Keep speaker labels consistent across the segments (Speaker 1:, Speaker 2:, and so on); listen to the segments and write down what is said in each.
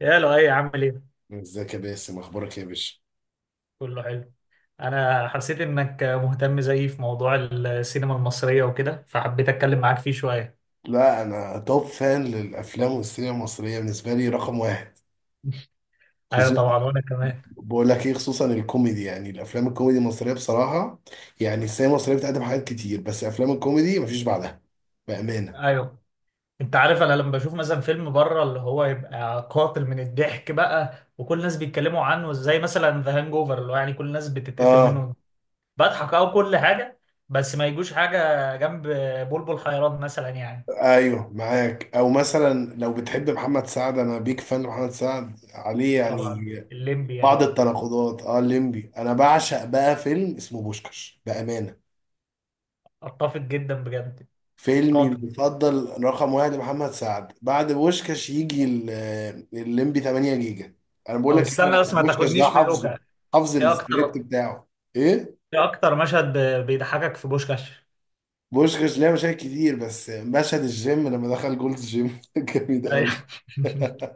Speaker 1: يا لؤي، عامل ايه؟
Speaker 2: ازيك يا باسم، اخبارك إيه يا باشا؟
Speaker 1: كله حلو. انا حسيت انك مهتم زيي في موضوع السينما المصرية وكده، فحبيت اتكلم معاك فيه شوية.
Speaker 2: لا انا توب فان للافلام، والسينما المصريه بالنسبه لي رقم واحد
Speaker 1: ايوه
Speaker 2: خصوصا.
Speaker 1: طبعا، وانا كمان.
Speaker 2: بقول لك ايه، خصوصا الكوميدي، يعني الافلام الكوميدي المصريه بصراحه، يعني السينما المصريه بتقدم حاجات كتير، بس افلام الكوميدي مفيش بعدها بامانه.
Speaker 1: ايوه، انت عارف انا لما بشوف مثلا فيلم بره اللي هو يبقى قاتل من الضحك بقى، وكل الناس بيتكلموا عنه زي مثلا ذا هانج اوفر، اللي هو يعني كل الناس بتتقتل
Speaker 2: اه،
Speaker 1: منه بضحك او كل حاجة. بس ما يجوش حاجة جنب بلبل حيران مثلا يعني.
Speaker 2: ايوه معاك، او مثلا لو بتحب محمد سعد، انا بيك فان محمد سعد عليه
Speaker 1: طبعا
Speaker 2: يعني
Speaker 1: الليمبي
Speaker 2: بعض
Speaker 1: يعني.
Speaker 2: التناقضات. اه الليمبي، انا بعشق بقى فيلم اسمه بوشكش بامانه.
Speaker 1: اتفق جدا بجد.
Speaker 2: فيلمي
Speaker 1: قاتل.
Speaker 2: المفضل رقم واحد محمد سعد، بعد بوشكاش يجي الليمبي 8 جيجا. انا بقول
Speaker 1: طب
Speaker 2: لك إيه، انا
Speaker 1: استنى بس، ما
Speaker 2: بوشكاش ده
Speaker 1: تاخدنيش في
Speaker 2: حافظه،
Speaker 1: دوكا.
Speaker 2: حافظ
Speaker 1: ايه
Speaker 2: السكريبت
Speaker 1: اكتر
Speaker 2: بتاعه. ايه؟
Speaker 1: ايه اكتر مشهد بيضحكك في بوشكاش؟
Speaker 2: بوشكاش ليه مشاهد كتير، بس مشهد الجيم لما دخل جولز جيم جامد
Speaker 1: أيوة.
Speaker 2: قوي.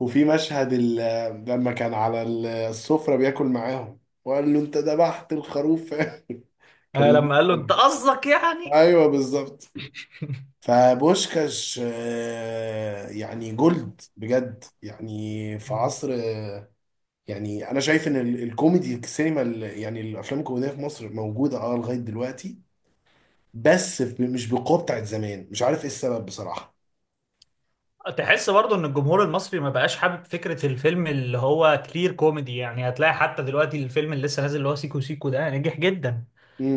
Speaker 2: وفي مشهد لما كان على السفرة بياكل معاهم وقال له انت ذبحت الخروف كان
Speaker 1: لما قال له
Speaker 2: لذيذ.
Speaker 1: انت قصدك يعني.
Speaker 2: ايوه بالظبط. فبوشكاش يعني جولد بجد، يعني في
Speaker 1: مم.
Speaker 2: عصر يعني انا شايف ان الكوميدي السينما يعني الافلام الكوميديه في مصر موجوده اه لغايه دلوقتي، بس مش بالقوه بتاعت زمان، مش عارف ايه السبب بصراحه.
Speaker 1: تحس برضو ان الجمهور المصري ما بقاش حابب فكرة الفيلم اللي هو كلير كوميدي؟ يعني هتلاقي حتى دلوقتي الفيلم اللي لسه نازل اللي هو سيكو سيكو ده نجح جدا.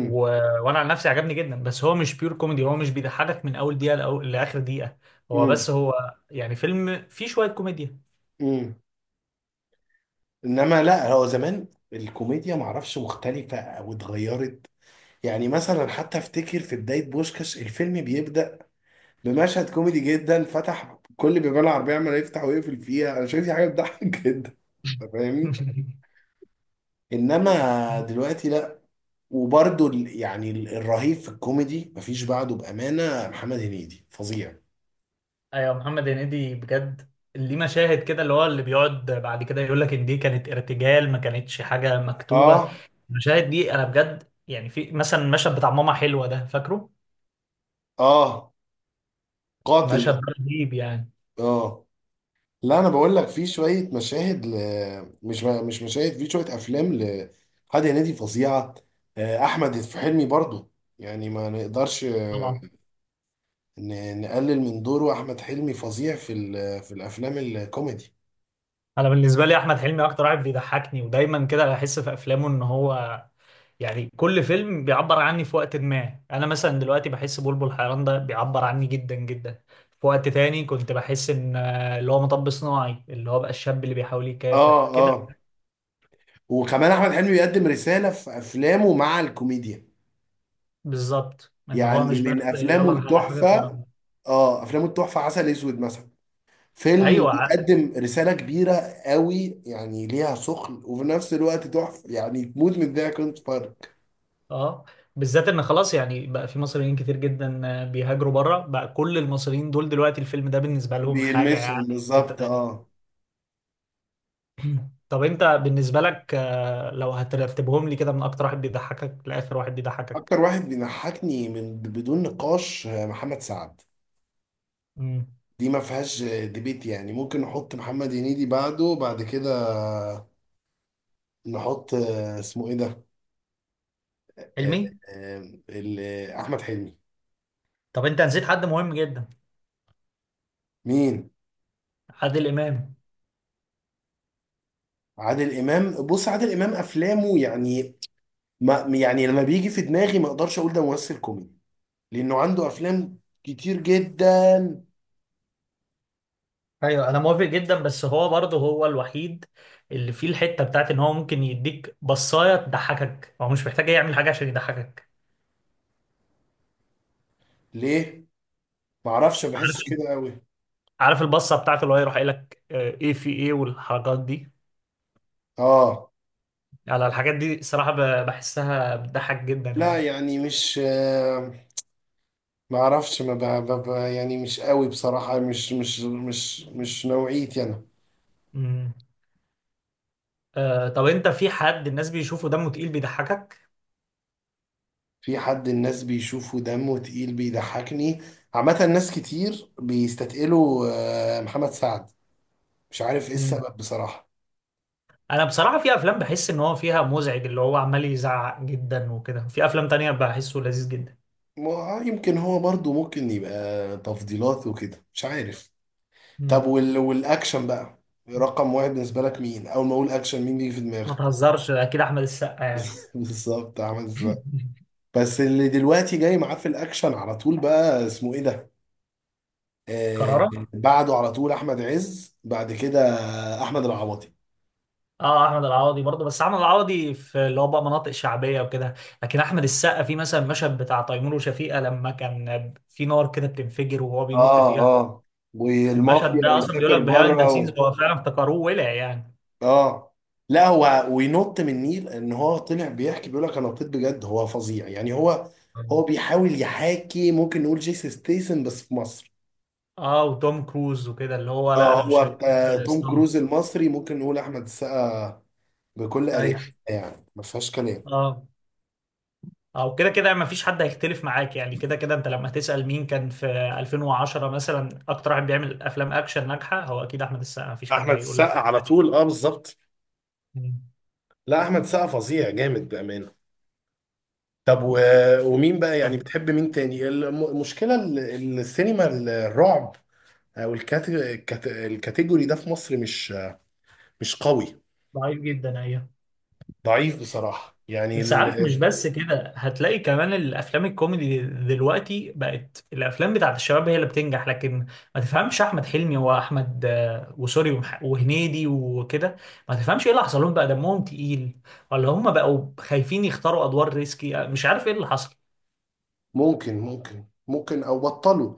Speaker 1: و... وانا عن نفسي عجبني جدا، بس هو مش بيور كوميدي. هو مش بيضحكك من اول دقيقة لاخر دقيقة. هو
Speaker 2: امم
Speaker 1: بس هو يعني فيلم فيه شوية كوميديا.
Speaker 2: امم انما لا، هو زمان الكوميديا معرفش مختلفه او اتغيرت. يعني مثلا، حتى افتكر في بدايه بوشكاش الفيلم بيبدا بمشهد كوميدي جدا، فتح كل بيبان العربية عمال يفتح ويقفل فيها، انا شايف دي حاجة بتضحك جدا. أنت فاهمني. انما دلوقتي لا. وبرده يعني الرهيب في الكوميدي مفيش بعده بأمانة، محمد هنيدي فظيع.
Speaker 1: ايوه، محمد هنيدي بجد. ليه مشاهد كده، اللي هو اللي بيقعد بعد كده يقول لك ان دي كانت ارتجال، ما كانتش حاجه مكتوبه.
Speaker 2: اه
Speaker 1: المشاهد دي انا بجد يعني، في مثلا المشهد بتاع ماما حلوه ده، فاكره؟
Speaker 2: اه، قاتل
Speaker 1: المشهد
Speaker 2: ده.
Speaker 1: ده رهيب يعني.
Speaker 2: اه، لا انا بقول لك في شوية مشاهد ل... مش مشاهد، في شوية افلام لحد هنيدي فظيعة. آه، احمد في حلمي برضو، يعني ما نقدرش
Speaker 1: طبعا.
Speaker 2: نقلل من دوره، احمد حلمي فظيع في في الافلام الكوميدي.
Speaker 1: انا بالنسبه لي احمد حلمي اكتر واحد بيضحكني، ودايما كده بحس في افلامه ان هو يعني كل فيلم بيعبر عني في وقت ما. انا مثلا دلوقتي بحس بلبل حيران ده بيعبر عني جدا جدا. في وقت تاني كنت بحس ان اللي هو مطب صناعي، اللي هو بقى الشاب اللي بيحاول
Speaker 2: اه
Speaker 1: يكافح كده.
Speaker 2: اه، وكمان احمد حلمي بيقدم رسالة في افلامه مع الكوميديا.
Speaker 1: بالظبط، ان
Speaker 2: يعني
Speaker 1: هو مش بس
Speaker 2: من افلامه
Speaker 1: يلا انا هحقق
Speaker 2: التحفة،
Speaker 1: ورا.
Speaker 2: اه افلامه التحفة عسل اسود مثلا، فيلم
Speaker 1: ايوه.
Speaker 2: بيقدم رسالة كبيرة قوي، يعني ليها ثقل وفي نفس الوقت تحفة، يعني تموت من الضحك وانت بتتفرج.
Speaker 1: اه، بالذات ان خلاص يعني بقى في مصريين كتير جدا بيهاجروا بره بقى، كل المصريين دول دلوقتي الفيلم ده بالنسبه لهم حاجه
Speaker 2: بيلمسهم
Speaker 1: يعني في حته
Speaker 2: بالظبط
Speaker 1: تانيه.
Speaker 2: اه.
Speaker 1: طب انت بالنسبه لك، لو هترتبهم لي كده من اكتر واحد بيضحكك لاخر واحد بيضحكك؟
Speaker 2: اكتر واحد بيضحكني من بدون نقاش آه، محمد سعد،
Speaker 1: امم.
Speaker 2: دي ما فيهاش ديبيت. يعني ممكن نحط محمد هنيدي بعده، بعد كده نحط آه، اسمه ايه ده، آه،
Speaker 1: علمي.
Speaker 2: آه، آه، احمد حلمي.
Speaker 1: طب انت نسيت حد مهم جدا.
Speaker 2: مين؟
Speaker 1: عادل امام.
Speaker 2: عادل امام؟ بص، عادل امام افلامه يعني، ما يعني لما بيجي في دماغي ما اقدرش اقول ده ممثل كوميدي، لانه عنده افلام كتير جدا.
Speaker 1: ايوه انا موافق جدا، بس هو برضه هو الوحيد اللي فيه الحته بتاعت ان هو ممكن يديك بصايه تضحكك، هو مش محتاج يعمل حاجه عشان يضحكك.
Speaker 2: ليه؟ ما اعرفش، ما
Speaker 1: عارف
Speaker 2: بحسش كده قوي.
Speaker 1: عارف البصه بتاعته اللي هو يروح قايل لك، ايه في ايه والحركات دي.
Speaker 2: اه،
Speaker 1: على الحاجات دي صراحه بحسها بتضحك جدا
Speaker 2: لا
Speaker 1: يعني.
Speaker 2: يعني مش آه، ما اعرفش، ما ب... ب... ب- يعني مش قوي بصراحة، مش نوعيتي انا.
Speaker 1: امم. طب انت في حد الناس بيشوفوا دمه تقيل بيضحكك؟
Speaker 2: في حد الناس بيشوفه دمه تقيل بيضحكني، عامة ناس كتير بيستثقلوا آه، محمد سعد، مش عارف ايه
Speaker 1: امم.
Speaker 2: السبب بصراحة.
Speaker 1: انا بصراحه في افلام بحس ان هو فيها مزعج، اللي هو عمال يزعق جدا وكده، في افلام تانية بحسه لذيذ جدا.
Speaker 2: يمكن هو برضو ممكن يبقى تفضيلات وكده، مش عارف. طب
Speaker 1: امم.
Speaker 2: والأكشن بقى رقم واحد بالنسبة لك مين؟ أول ما أقول أكشن مين بيجي في
Speaker 1: ما
Speaker 2: دماغك؟
Speaker 1: تهزرش، اكيد احمد السقا يعني.
Speaker 2: بالظبط، عمل السقا. بس اللي دلوقتي جاي معاه في الأكشن على طول بقى اسمه إيه ده؟ آه،
Speaker 1: كرارة.
Speaker 2: بعده على طول أحمد عز، بعد كده أحمد العوضي.
Speaker 1: اه، احمد العوضي برضه، بس احمد العوضي في اللي هو بقى مناطق شعبيه وكده. لكن احمد السقا، في مثلا المشهد بتاع تيمور وشفيقه لما كان في نار كده بتنفجر وهو بينط
Speaker 2: اه
Speaker 1: فيها.
Speaker 2: اه،
Speaker 1: المشهد
Speaker 2: والمافيا
Speaker 1: ده اصلا بيقول
Speaker 2: ويسافر
Speaker 1: لك بيهايند ذا
Speaker 2: بره
Speaker 1: سينز،
Speaker 2: و...
Speaker 1: هو فعلا افتكروه ولع يعني.
Speaker 2: اه، لا هو وينط من النيل، ان هو طلع بيحكي بيقول لك انا نطيت بجد، هو فظيع يعني. هو هو بيحاول يحاكي ممكن نقول جيسي ستيسن بس في مصر.
Speaker 1: اه، وتوم كروز وكده، اللي هو لا
Speaker 2: اه،
Speaker 1: انا
Speaker 2: هو
Speaker 1: مش هجيب
Speaker 2: بتاع توم كروز
Speaker 1: ستانت.
Speaker 2: المصري ممكن نقول احمد السقا بكل
Speaker 1: ايوه.
Speaker 2: اريحيه، يعني ما فيهاش كلام.
Speaker 1: اه، او كده كده ما فيش حد هيختلف معاك يعني. كده كده انت لما تسأل مين كان في 2010 مثلا اكتر واحد بيعمل افلام اكشن ناجحه، هو اكيد احمد السقا، ما فيش حد
Speaker 2: احمد
Speaker 1: هيقول لك
Speaker 2: السقا على
Speaker 1: حاجه.
Speaker 2: طول اه بالظبط.
Speaker 1: مم.
Speaker 2: لا احمد السقا فظيع جامد بامانه. طب و... ومين بقى يعني
Speaker 1: طب.
Speaker 2: بتحب مين تاني؟ المشكله السينما الرعب الكاتيجوري ده في مصر مش مش قوي،
Speaker 1: ضعيف جدا، ايوه.
Speaker 2: ضعيف بصراحة يعني
Speaker 1: بس عارف، مش
Speaker 2: ال...
Speaker 1: بس كده، هتلاقي كمان الافلام الكوميدي دلوقتي بقت الافلام بتاعت الشباب هي اللي بتنجح. لكن ما تفهمش احمد حلمي واحمد وسوري وهنيدي وكده، ما تفهمش ايه اللي حصل لهم بقى. دمهم تقيل ولا هم بقوا خايفين يختاروا ادوار ريسكي؟ مش عارف ايه اللي حصل.
Speaker 2: ممكن او بطلوا،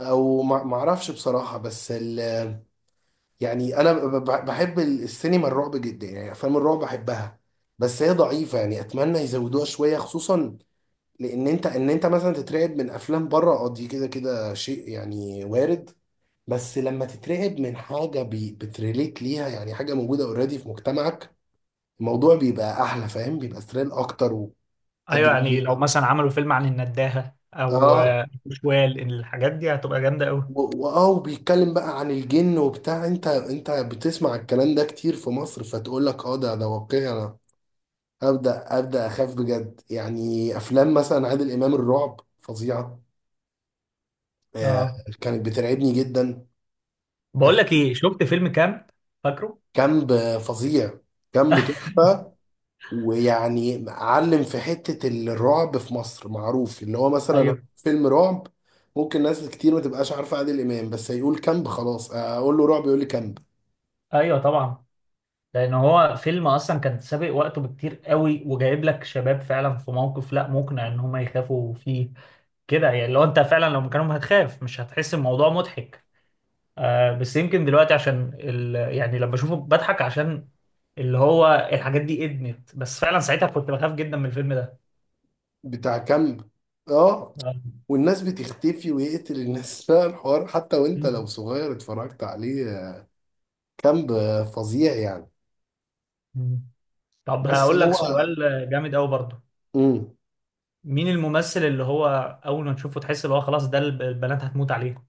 Speaker 2: او ما اعرفش بصراحه، بس ال... يعني انا بحب السينما الرعب جدا، يعني افلام الرعب بحبها، بس هي ضعيفه، يعني اتمنى يزودوها شويه. خصوصا لان انت، ان انت مثلا تترعب من افلام بره اه، دي كده كده شيء يعني وارد، بس لما تترعب من حاجه بتريليت ليها، يعني حاجه موجوده اوريدي في مجتمعك، الموضوع بيبقى احلى، فاهم، بيبقى ثريل اكتر
Speaker 1: ايوه يعني، لو
Speaker 2: وادرينالين.
Speaker 1: مثلا عملوا فيلم عن النداهة او
Speaker 2: اه،
Speaker 1: شوال، الحاجات دي هتبقى جامدة قوي.
Speaker 2: واه، وبيتكلم بقى عن الجن وبتاع، انت بتسمع الكلام ده كتير في مصر، فتقول لك اه ده واقعي، انا ابدا اخاف بجد. يعني افلام مثلا عادل امام الرعب فظيعه، آه،
Speaker 1: اه،
Speaker 2: كانت بترعبني جدا.
Speaker 1: بقول لك
Speaker 2: أف-،
Speaker 1: ايه، شفت فيلم كامب؟ فاكره؟
Speaker 2: كامب فظيع، كامب تحفه. ويعني علم في حتة الرعب في مصر معروف، اللي هو مثلا
Speaker 1: ايوه،
Speaker 2: فيلم رعب، ممكن ناس كتير ما تبقاش عارفة عادل إمام، بس هيقول كامب خلاص، أقول له رعب يقول لي كامب.
Speaker 1: ايوه، طبعا. لان هو فيلم اصلا كان سابق وقته بكتير قوي، وجايب لك شباب فعلا في موقف لا مقنع ان هم يخافوا فيه كده يعني. لو انت فعلا لو مكانهم هتخاف، مش هتحس الموضوع مضحك. آه، بس يمكن دلوقتي عشان يعني لما بشوفه بضحك عشان اللي هو الحاجات دي ادمت. بس فعلا ساعتها كنت بخاف جدا من الفيلم ده.
Speaker 2: بتاع كامب اه،
Speaker 1: آه.
Speaker 2: والناس بتختفي ويقتل الناس لا الحوار حتى وانت لو صغير اتفرجت عليه كامب، فظيع يعني.
Speaker 1: مم. طب
Speaker 2: بس
Speaker 1: هقول لك
Speaker 2: هو
Speaker 1: سؤال جامد قوي برضه.
Speaker 2: مم.
Speaker 1: مين الممثل اللي هو اول ما تشوفه تحس اللي هو خلاص ده البنات هتموت عليه؟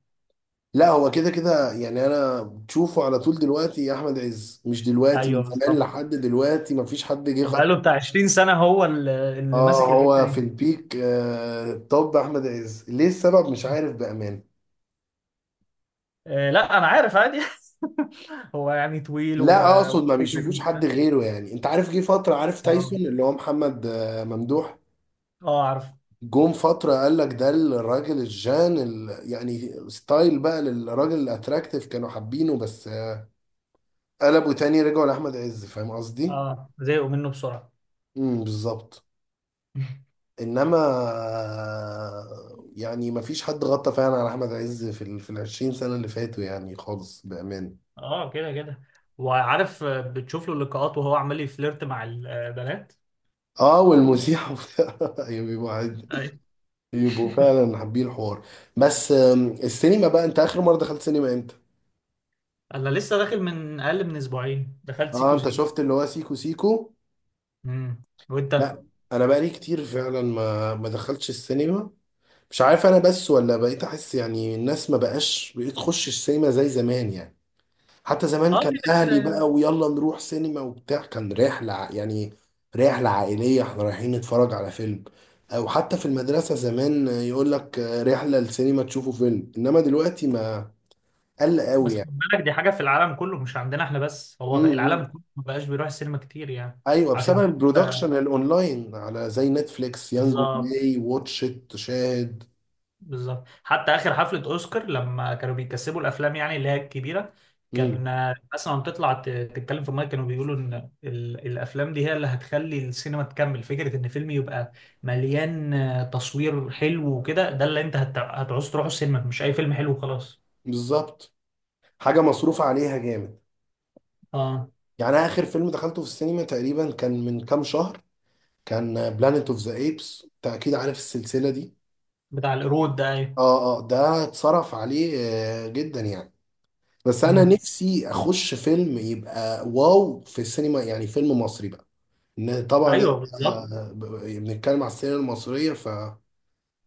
Speaker 2: لا هو كده كده يعني، انا بتشوفه على طول دلوقتي يا احمد عز، مش دلوقتي،
Speaker 1: ايوه
Speaker 2: من زمان
Speaker 1: بالظبط.
Speaker 2: لحد دلوقتي مفيش حد جه
Speaker 1: بقاله
Speaker 2: خط.
Speaker 1: بتاع 20 سنة، هو اللي
Speaker 2: اه،
Speaker 1: ماسك الحتة
Speaker 2: هو في
Speaker 1: دي.
Speaker 2: البيك آه. طب احمد عز ليه؟ السبب مش عارف بامان.
Speaker 1: لا أنا عارف عادي. هو يعني طويل و
Speaker 2: لا
Speaker 1: آه
Speaker 2: اقصد ما
Speaker 1: وطويل
Speaker 2: بيشوفوش حد
Speaker 1: وبتاع.
Speaker 2: غيره يعني. انت عارف جه فتره عارف
Speaker 1: اه،
Speaker 2: تايسون، اللي هو محمد آه ممدوح،
Speaker 1: اه، عارف.
Speaker 2: جم فتره قال لك ده الراجل الجان ال... يعني ستايل بقى للراجل الاتراكتيف، كانوا حابينه، بس آه قلبوا تاني رجعوا لاحمد عز، فاهم قصدي.
Speaker 1: اه، زهقوا منه بسرعة.
Speaker 2: بالظبط. انما آه، يعني ما فيش حد غطى فعلا على احمد عز في ال في 20 سنه اللي فاتوا، يعني خالص بامان.
Speaker 1: اه، كده كده. وعارف، بتشوف له اللقاءات وهو عمال يفليرت مع البنات.
Speaker 2: اه والمسيح وبتاع. ايوه بيبقوا عادي.
Speaker 1: ايوه.
Speaker 2: يبقوا فعلا حابين الحوار. بس آم، السينما بقى، انت اخر مره دخلت سينما امتى؟
Speaker 1: انا لسه داخل، من اقل من اسبوعين دخلت
Speaker 2: اه،
Speaker 1: سيكو
Speaker 2: انت
Speaker 1: سيكو.
Speaker 2: شفت اللي هو سيكو سيكو؟
Speaker 1: امم. وانت؟
Speaker 2: لا. انا بقالي كتير فعلا ما ما دخلتش السينما، مش عارف انا، بس ولا بقيت احس يعني الناس ما بقاش بقيت تخش السينما زي زمان يعني. حتى زمان
Speaker 1: اه،
Speaker 2: كان
Speaker 1: كده كده
Speaker 2: اهلي
Speaker 1: يعني.
Speaker 2: بقى، ويلا نروح سينما وبتاع، كان رحلة يعني رحلة عائلية، احنا رايحين نتفرج على فيلم، او حتى في المدرسة زمان يقول لك رحلة السينما تشوفوا فيلم، انما دلوقتي ما قل
Speaker 1: بس
Speaker 2: قوي
Speaker 1: خد
Speaker 2: يعني.
Speaker 1: بالك، دي حاجه في العالم كله مش عندنا احنا بس، هو العالم
Speaker 2: امم.
Speaker 1: كله ما بقاش بيروح السينما كتير يعني.
Speaker 2: ايوه بسبب
Speaker 1: عشان كده.
Speaker 2: البرودكشن الاونلاين على زي نتفليكس يانجو
Speaker 1: بالظبط.
Speaker 2: بلاي واتش ات شاهد.
Speaker 1: بالظبط، حتى اخر حفله اوسكار لما كانوا بيكسبوا الافلام يعني اللي هي الكبيره،
Speaker 2: امم
Speaker 1: كان الناس لما بتطلع تتكلم في المايك كانوا بيقولوا ان الافلام دي هي اللي هتخلي السينما تكمل. فكره ان فيلم يبقى مليان تصوير حلو وكده، ده اللي انت هتعوز تروحوا السينما، مش اي فيلم حلو وخلاص.
Speaker 2: بالظبط. حاجة مصروف عليها جامد.
Speaker 1: اه،
Speaker 2: يعني اخر فيلم دخلته في السينما تقريبا كان من كام شهر، كان بلانيت اوف ذا ايبس، انت اكيد عارف السلسله دي.
Speaker 1: بتاع القرود ده، ايوه.
Speaker 2: اه اه، ده اتصرف عليه آه جدا يعني، بس انا
Speaker 1: مم.
Speaker 2: نفسي اخش فيلم يبقى واو في السينما، يعني فيلم مصري بقى. ان طبعا
Speaker 1: ايوه بالظبط.
Speaker 2: آه، بنتكلم على السينما المصريه ف...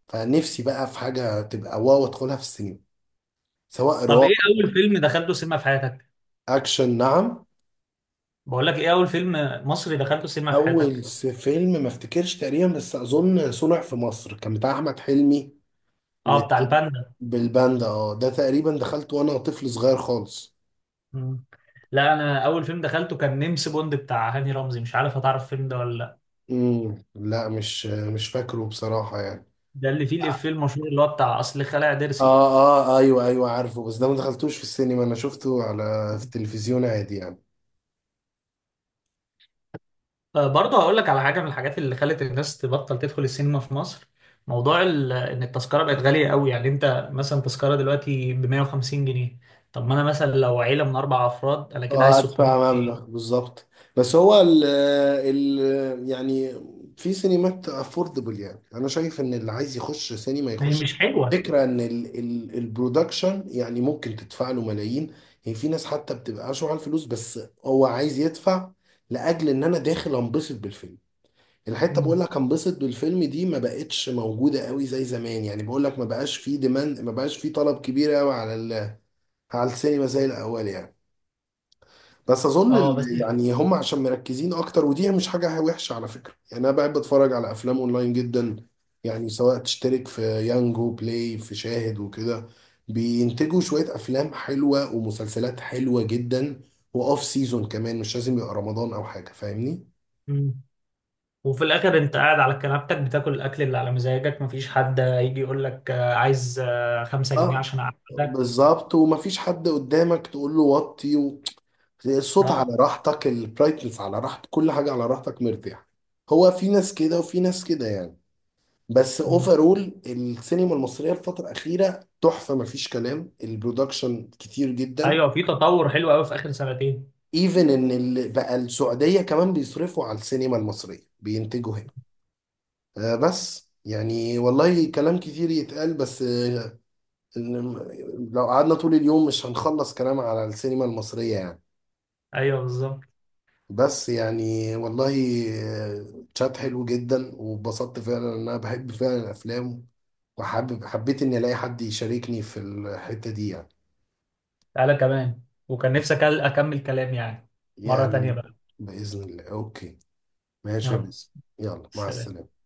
Speaker 2: فنفسي بقى في حاجه تبقى واو ادخلها في السينما، سواء
Speaker 1: طب
Speaker 2: رعب
Speaker 1: ايه اول فيلم دخلته سينما في حياتك؟
Speaker 2: اكشن. نعم؟
Speaker 1: بقول لك ايه، اول فيلم مصري دخلته سينما في
Speaker 2: اول
Speaker 1: حياتك؟
Speaker 2: فيلم ما افتكرش تقريبا، بس اظن صنع في مصر كان بتاع احمد حلمي،
Speaker 1: اه، بتاع
Speaker 2: وت...
Speaker 1: الباندا.
Speaker 2: بالباندا، اه ده تقريبا دخلت وانا طفل صغير خالص.
Speaker 1: مم. لا، انا اول فيلم دخلته كان نمس بوند بتاع هاني رمزي، مش عارف هتعرف الفيلم ده ولا لا.
Speaker 2: امم، لا مش مش فاكره بصراحة يعني.
Speaker 1: ده اللي فيه الافيه المشهور اللي هو بتاع اصل خلع ضرسي.
Speaker 2: اه اه ايوه ايوه عارفه، بس ده ما دخلتوش في السينما، انا شفته على في
Speaker 1: مم.
Speaker 2: التلفزيون عادي يعني.
Speaker 1: برضه هقول لك على حاجه من الحاجات اللي خلت الناس تبطل تدخل السينما في مصر: موضوع ان التذكره بقت غاليه قوي. يعني انت مثلا تذكره دلوقتي ب 150 جنيه، طب ما انا مثلا لو عيله من اربع افراد انا كده عايز
Speaker 2: اه
Speaker 1: 600
Speaker 2: هدفع مبلغ
Speaker 1: جنيه
Speaker 2: بالظبط. بس هو ال ال يعني في سينمات افوردبل، يعني انا شايف ان اللي عايز يخش سينما
Speaker 1: ما هي
Speaker 2: يخش.
Speaker 1: مش حلوه.
Speaker 2: فكرة ان ال ال البرودكشن يعني ممكن تدفع له ملايين، هي في ناس حتى بتبقى اشوع على الفلوس بس، هو عايز يدفع لاجل ان انا داخل انبسط بالفيلم. الحته بقول
Speaker 1: مم.
Speaker 2: لك انبسط بالفيلم دي ما بقتش موجوده قوي زي زمان يعني، بقول لك ما بقاش في ديماند، ما بقاش في طلب كبير قوي على على السينما زي الاول يعني. بس اظن
Speaker 1: اه بس.
Speaker 2: ال- يعني هم عشان مركزين اكتر، ودي مش حاجه وحشه على فكره، يعني انا بحب اتفرج على افلام اونلاين جدا، يعني سواء تشترك في يانجو بلاي في شاهد وكده، بينتجوا شويه افلام حلوه ومسلسلات حلوه جدا، واوف سيزون كمان، مش لازم يبقى رمضان او حاجه، فاهمني.
Speaker 1: مم. وفي الاخر انت قاعد على كنبتك بتاكل الاكل اللي على مزاجك، مفيش حد يجي يقول لك عايز 5 جنيه
Speaker 2: اه
Speaker 1: عشان اقعدك.
Speaker 2: بالظبط، ومفيش حد قدامك تقول له وطي و... الصوت على
Speaker 1: اه.
Speaker 2: راحتك، البرايتنس على راحتك، كل حاجه على راحتك مرتاح. هو في ناس كده وفي ناس كده يعني. بس
Speaker 1: مم.
Speaker 2: اوفرول السينما المصريه الفتره الاخيره تحفه، مفيش كلام، البرودكشن كتير جدا.
Speaker 1: ايوه في تطور حلو قوي في اخر سنتين.
Speaker 2: ايفن ان ال- بقى السعوديه كمان بيصرفوا على السينما المصريه، بينتجوا هنا. آه، بس يعني والله كلام كتير يتقال، بس آه إن- لو قعدنا طول اليوم مش هنخلص كلام على السينما المصريه يعني.
Speaker 1: ايوه بالظبط.
Speaker 2: بس يعني والله آه، تشات حلو جدا، واتبسطت فعلا ان انا بحب فعلا الافلام، وحابب حبيت اني الاقي حد يشاركني في الحته دي يعني.
Speaker 1: تعالى كمان، وكان نفسي اكمل كلام يعني، مرة تانية
Speaker 2: يعني
Speaker 1: بقى.
Speaker 2: بإذن الله، أوكي، ماشي يا
Speaker 1: يلا.
Speaker 2: باسم، يلا مع
Speaker 1: سلام.
Speaker 2: السلامة.